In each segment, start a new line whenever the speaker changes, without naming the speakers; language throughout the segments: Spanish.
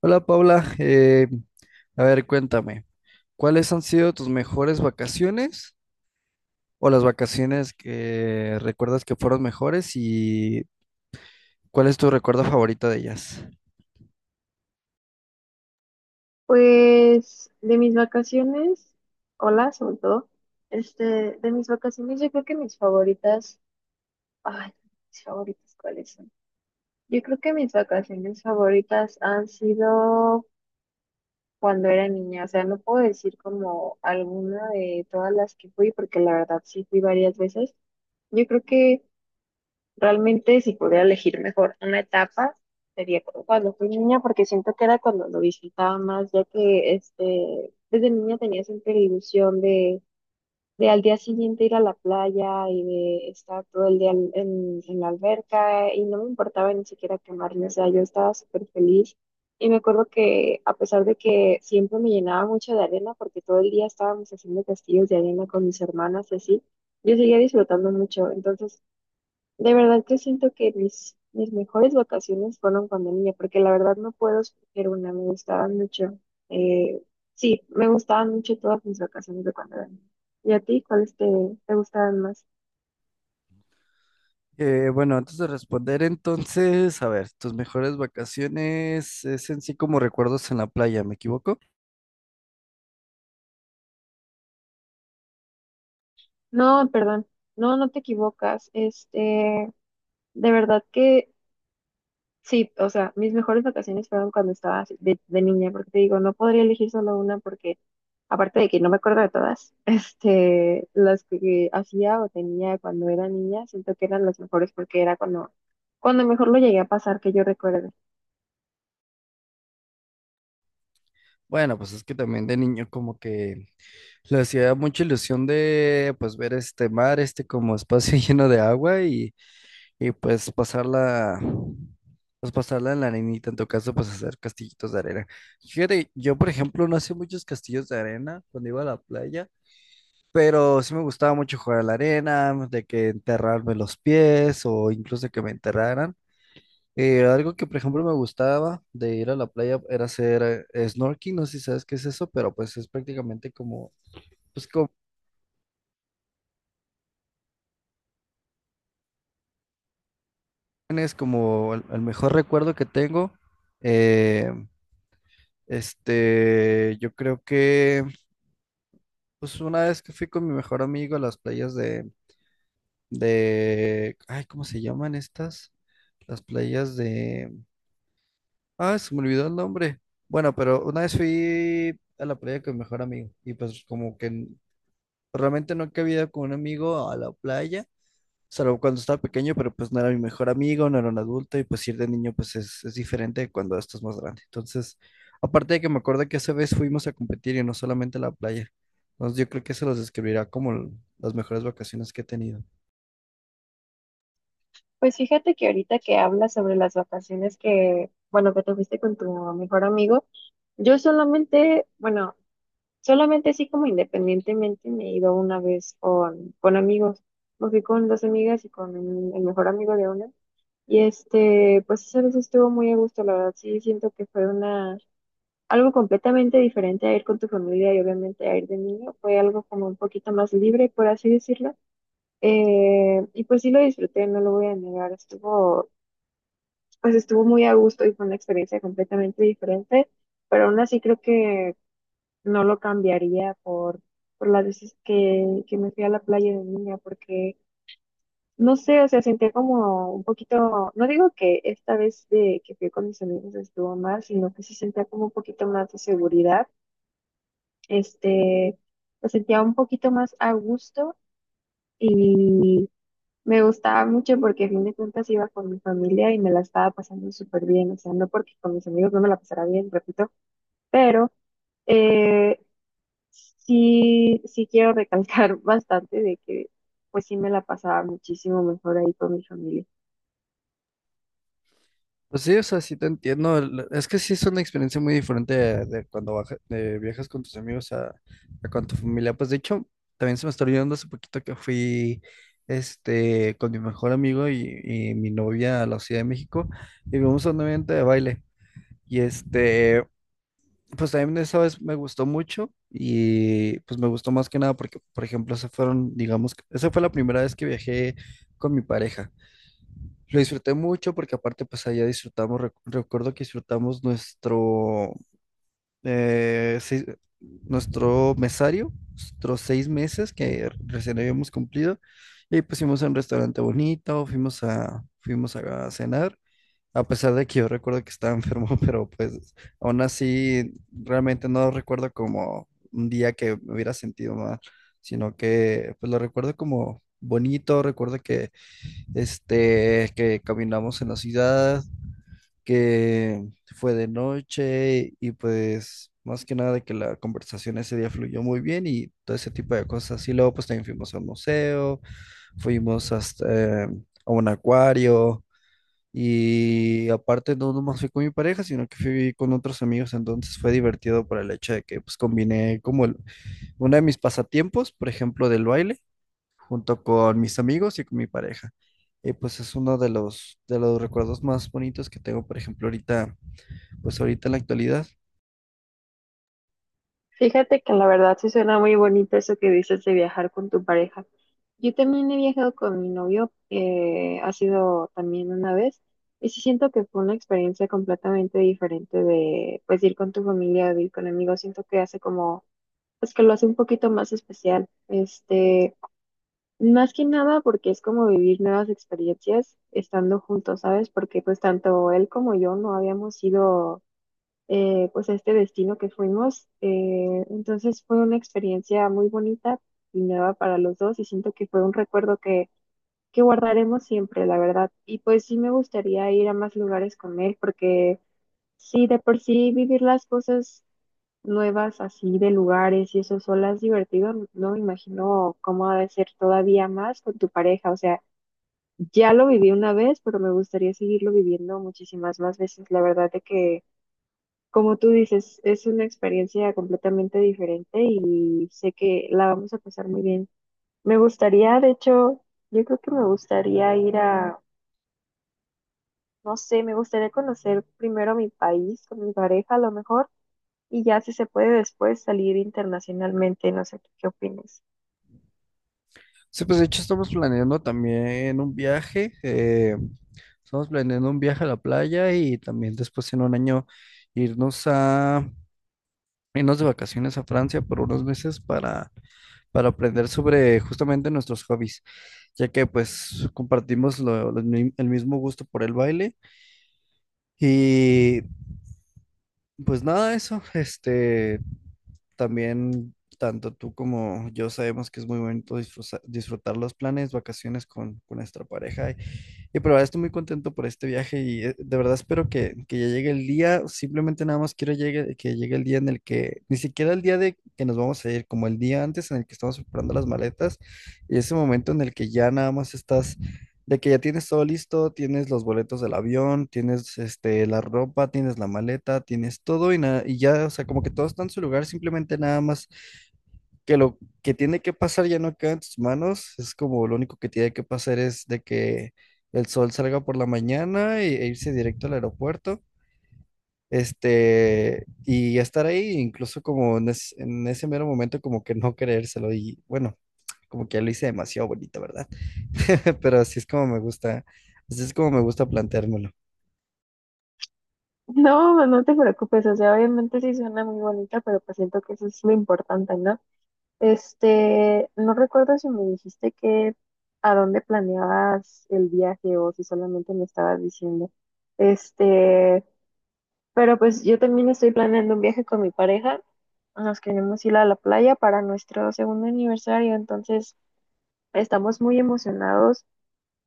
Hola Paula. A ver, cuéntame, ¿cuáles han sido tus mejores vacaciones o las vacaciones que recuerdas que fueron mejores y cuál es tu recuerdo favorito de ellas?
Pues de mis vacaciones, hola, sobre todo, este, de mis vacaciones yo creo que mis favoritas, ay, mis favoritas, ¿cuáles son? Yo creo que mis vacaciones favoritas han sido cuando era niña, o sea, no puedo decir como alguna de todas las que fui, porque la verdad sí fui varias veces. Yo creo que Realmente, si pudiera elegir mejor una etapa, sería cuando fui niña, porque siento que era cuando lo disfrutaba más, ya que este, desde niña tenía siempre la ilusión de al día siguiente ir a la playa y de estar todo el día en la alberca y no me importaba ni siquiera quemarme, o sea, yo estaba súper feliz. Y me acuerdo que a pesar de que siempre me llenaba mucho de arena, porque todo el día estábamos haciendo castillos de arena con mis hermanas y así, yo seguía disfrutando mucho. Entonces, de verdad que siento que mis mejores vacaciones fueron cuando niña, porque la verdad no puedo escoger una, me gustaban mucho. Eh, sí, me gustaban mucho todas mis vacaciones de cuando era niña. ¿Y a ti te gustaban más?
Bueno, antes de responder, entonces, a ver, tus mejores vacaciones es en sí como recuerdos en la playa, ¿me equivoco?
No, perdón, no te equivocas. Este, de verdad que Sí, o sea, mis mejores vacaciones fueron cuando estaba así de niña, porque te digo, no podría elegir solo una porque, aparte de que no me acuerdo de todas, este, las que hacía o tenía cuando era niña, siento que eran las mejores porque era cuando mejor lo llegué a pasar que yo recuerdo.
Bueno, pues es que también de niño como que le hacía mucha ilusión de pues ver este mar, este como espacio lleno de agua y pues pasarla en la arenita, en tu caso pues hacer castillitos de arena. Fíjate, yo por ejemplo no hacía muchos castillos de arena cuando iba a la playa. Pero sí me gustaba mucho jugar a la arena, de que enterrarme los pies o incluso que me enterraran. Algo que, por ejemplo, me gustaba de ir a la playa era hacer snorkeling. No sé si sabes qué es eso, pero pues es prácticamente como, pues como, es como el mejor recuerdo que tengo. Eh, este, yo creo que, pues una vez que fui con mi mejor amigo a las playas de, ay, ¿cómo se llaman estas? Las playas de... Ah, se me olvidó el nombre. Bueno, pero una vez fui a la playa con mi mejor amigo y pues como que realmente no cabía con un amigo a la playa, salvo cuando estaba pequeño, pero pues no era mi mejor amigo, no era un adulto y pues ir de niño pues es diferente de cuando estás más grande. Entonces, aparte de que me acuerdo que esa vez fuimos a competir y no solamente a la playa. Entonces yo creo que se los describirá como las mejores vacaciones que he tenido.
Pues fíjate que ahorita que hablas sobre las vacaciones que, bueno, que te fuiste con tu mejor amigo, yo solamente, bueno, Solamente así como independientemente me he ido una vez con amigos. Me fui con dos amigas y con el mejor amigo de una. Y este, pues esa vez estuvo muy a gusto, la verdad. Sí, siento que algo completamente diferente a ir con tu familia y obviamente a ir de niño. Fue algo como un poquito más libre, por así decirlo. Y pues sí lo disfruté, no lo voy a negar. Pues estuvo muy a gusto y fue una experiencia completamente diferente. Pero aún así creo que no lo cambiaría por las veces que me fui a la playa de niña, porque no sé, o sea, sentía como un poquito, no digo que esta vez de que fui con mis amigos estuvo mal, sino que sí sentía como un poquito más de seguridad, este, me sentía un poquito más a gusto y me gustaba mucho porque a fin de cuentas iba con mi familia y me la estaba pasando súper bien, o sea, no porque con mis amigos no me la pasara bien, repito, pero... eh, sí, sí quiero recalcar bastante de que pues sí me la pasaba muchísimo mejor ahí con mi familia.
Pues sí, o sea, sí te entiendo. Es que sí es una experiencia muy diferente de cuando de viajas con tus amigos a con tu familia. Pues de hecho, también se me está olvidando hace poquito que fui este, con mi mejor amigo y mi novia a la Ciudad de México y vimos a un evento de baile. Y este, pues también esa vez me gustó mucho y pues me gustó más que nada porque, por ejemplo, se fueron, digamos, esa fue la primera vez que viajé con mi pareja. Lo disfruté mucho porque aparte pues allá disfrutamos, recuerdo que disfrutamos nuestro, eh, seis- nuestro mesario, nuestros 6 meses que recién habíamos cumplido y pues fuimos a un restaurante bonito, fuimos a, fuimos a cenar, a pesar de que yo recuerdo que estaba enfermo, pero pues aún así realmente no recuerdo como un día que me hubiera sentido mal, sino que pues lo recuerdo como bonito, recuerdo que este, que caminamos en la ciudad, que fue de noche y pues más que nada de que la conversación ese día fluyó muy bien y todo ese tipo de cosas. Y luego pues también fuimos al museo, fuimos hasta, a un acuario y aparte no nomás fui con mi pareja, sino que fui con otros amigos, entonces fue divertido por el hecho de que pues combiné como uno de mis pasatiempos, por ejemplo, del baile junto con mis amigos y con mi pareja. Y pues es uno de los recuerdos más bonitos que tengo, por ejemplo, ahorita, pues ahorita en la actualidad.
Fíjate que la verdad sí suena muy bonito eso que dices de viajar con tu pareja. Yo también he viajado con mi novio, ha sido también una vez, y sí siento que fue una experiencia completamente diferente de pues ir con tu familia, de ir con amigos, siento que pues que lo hace un poquito más especial. Este, más que nada porque es como vivir nuevas experiencias estando juntos, ¿sabes? Porque pues tanto él como yo no habíamos ido pues a este destino que fuimos. Entonces fue una experiencia muy bonita y nueva para los dos y siento que fue un recuerdo que guardaremos siempre, la verdad. Y pues sí me gustaría ir a más lugares con él porque sí, de por sí vivir las cosas nuevas así de lugares y eso solo has divertido, no me imagino cómo ha de ser todavía más con tu pareja. O sea, ya lo viví una vez, pero me gustaría seguirlo viviendo muchísimas más veces. La verdad de que, como tú dices, es una experiencia completamente diferente y sé que la vamos a pasar muy bien. Me gustaría, de hecho, yo creo que me gustaría ir a, no sé, me gustaría conocer primero mi país con mi pareja a lo mejor y ya si se puede después salir internacionalmente, no sé, ¿tú ¿qué opines?
Sí, pues de hecho estamos planeando también un viaje, estamos planeando un viaje a la playa y también después en un año irnos a, irnos de vacaciones a Francia por unos meses para aprender sobre justamente nuestros hobbies, ya que pues compartimos el mismo gusto por el baile. Y pues nada, eso, este, también tanto tú como yo sabemos que es muy bonito disfrutar los planes, vacaciones con nuestra pareja y pero ahora estoy muy contento por este viaje y de verdad espero que ya llegue el día. Simplemente nada más quiero llegue, que llegue el día en el que, ni siquiera el día de que nos vamos a ir, como el día antes en el que estamos preparando las maletas y ese momento en el que ya nada más estás, de que ya tienes todo listo, tienes los boletos del avión, tienes este, la ropa, tienes la maleta, tienes todo y, nada, y ya, o sea, como que todo está en su lugar, simplemente nada más que lo que tiene que pasar ya no queda en tus manos, es como lo único que tiene que pasar es de que el sol salga por la mañana e irse directo al aeropuerto, este, y estar ahí, incluso como en, en ese mero momento como que no creérselo y bueno, como que ya lo hice demasiado bonito, ¿verdad? Pero así es como me gusta, así es como me gusta planteármelo.
No, no te preocupes, o sea, obviamente sí suena muy bonita, pero pues siento que eso es lo importante, ¿no? Este, no recuerdo si me dijiste que a dónde planeabas el viaje o si solamente me estabas diciendo. Este, pero pues yo también estoy planeando un viaje con mi pareja. Nos queremos ir a la playa para nuestro segundo aniversario, entonces estamos muy emocionados.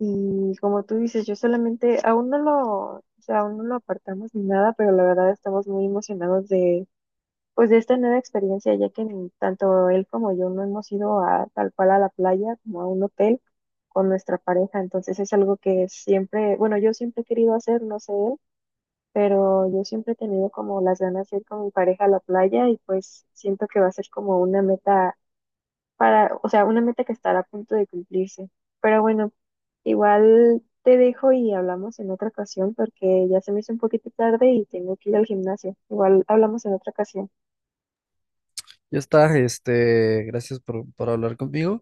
Y como tú dices, yo solamente, aún no lo, o sea, aún no lo apartamos ni nada, pero la verdad estamos muy emocionados de, pues, de esta nueva experiencia, ya que ni tanto él como yo no hemos ido a tal cual a la playa como a un hotel con nuestra pareja. Entonces es algo que siempre, bueno, yo siempre he querido hacer, no sé él, pero yo siempre he tenido como las ganas de ir con mi pareja a la playa y pues siento que va a ser como una meta para, o sea, una meta que estará a punto de cumplirse. Pero bueno, igual te dejo y hablamos en otra ocasión porque ya se me hizo un poquito tarde y tengo que ir al gimnasio. Igual hablamos en otra ocasión.
Ya está, este, gracias por hablar conmigo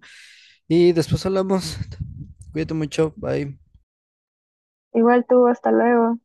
y después hablamos. Cuídate mucho, bye.
Igual tú, hasta luego.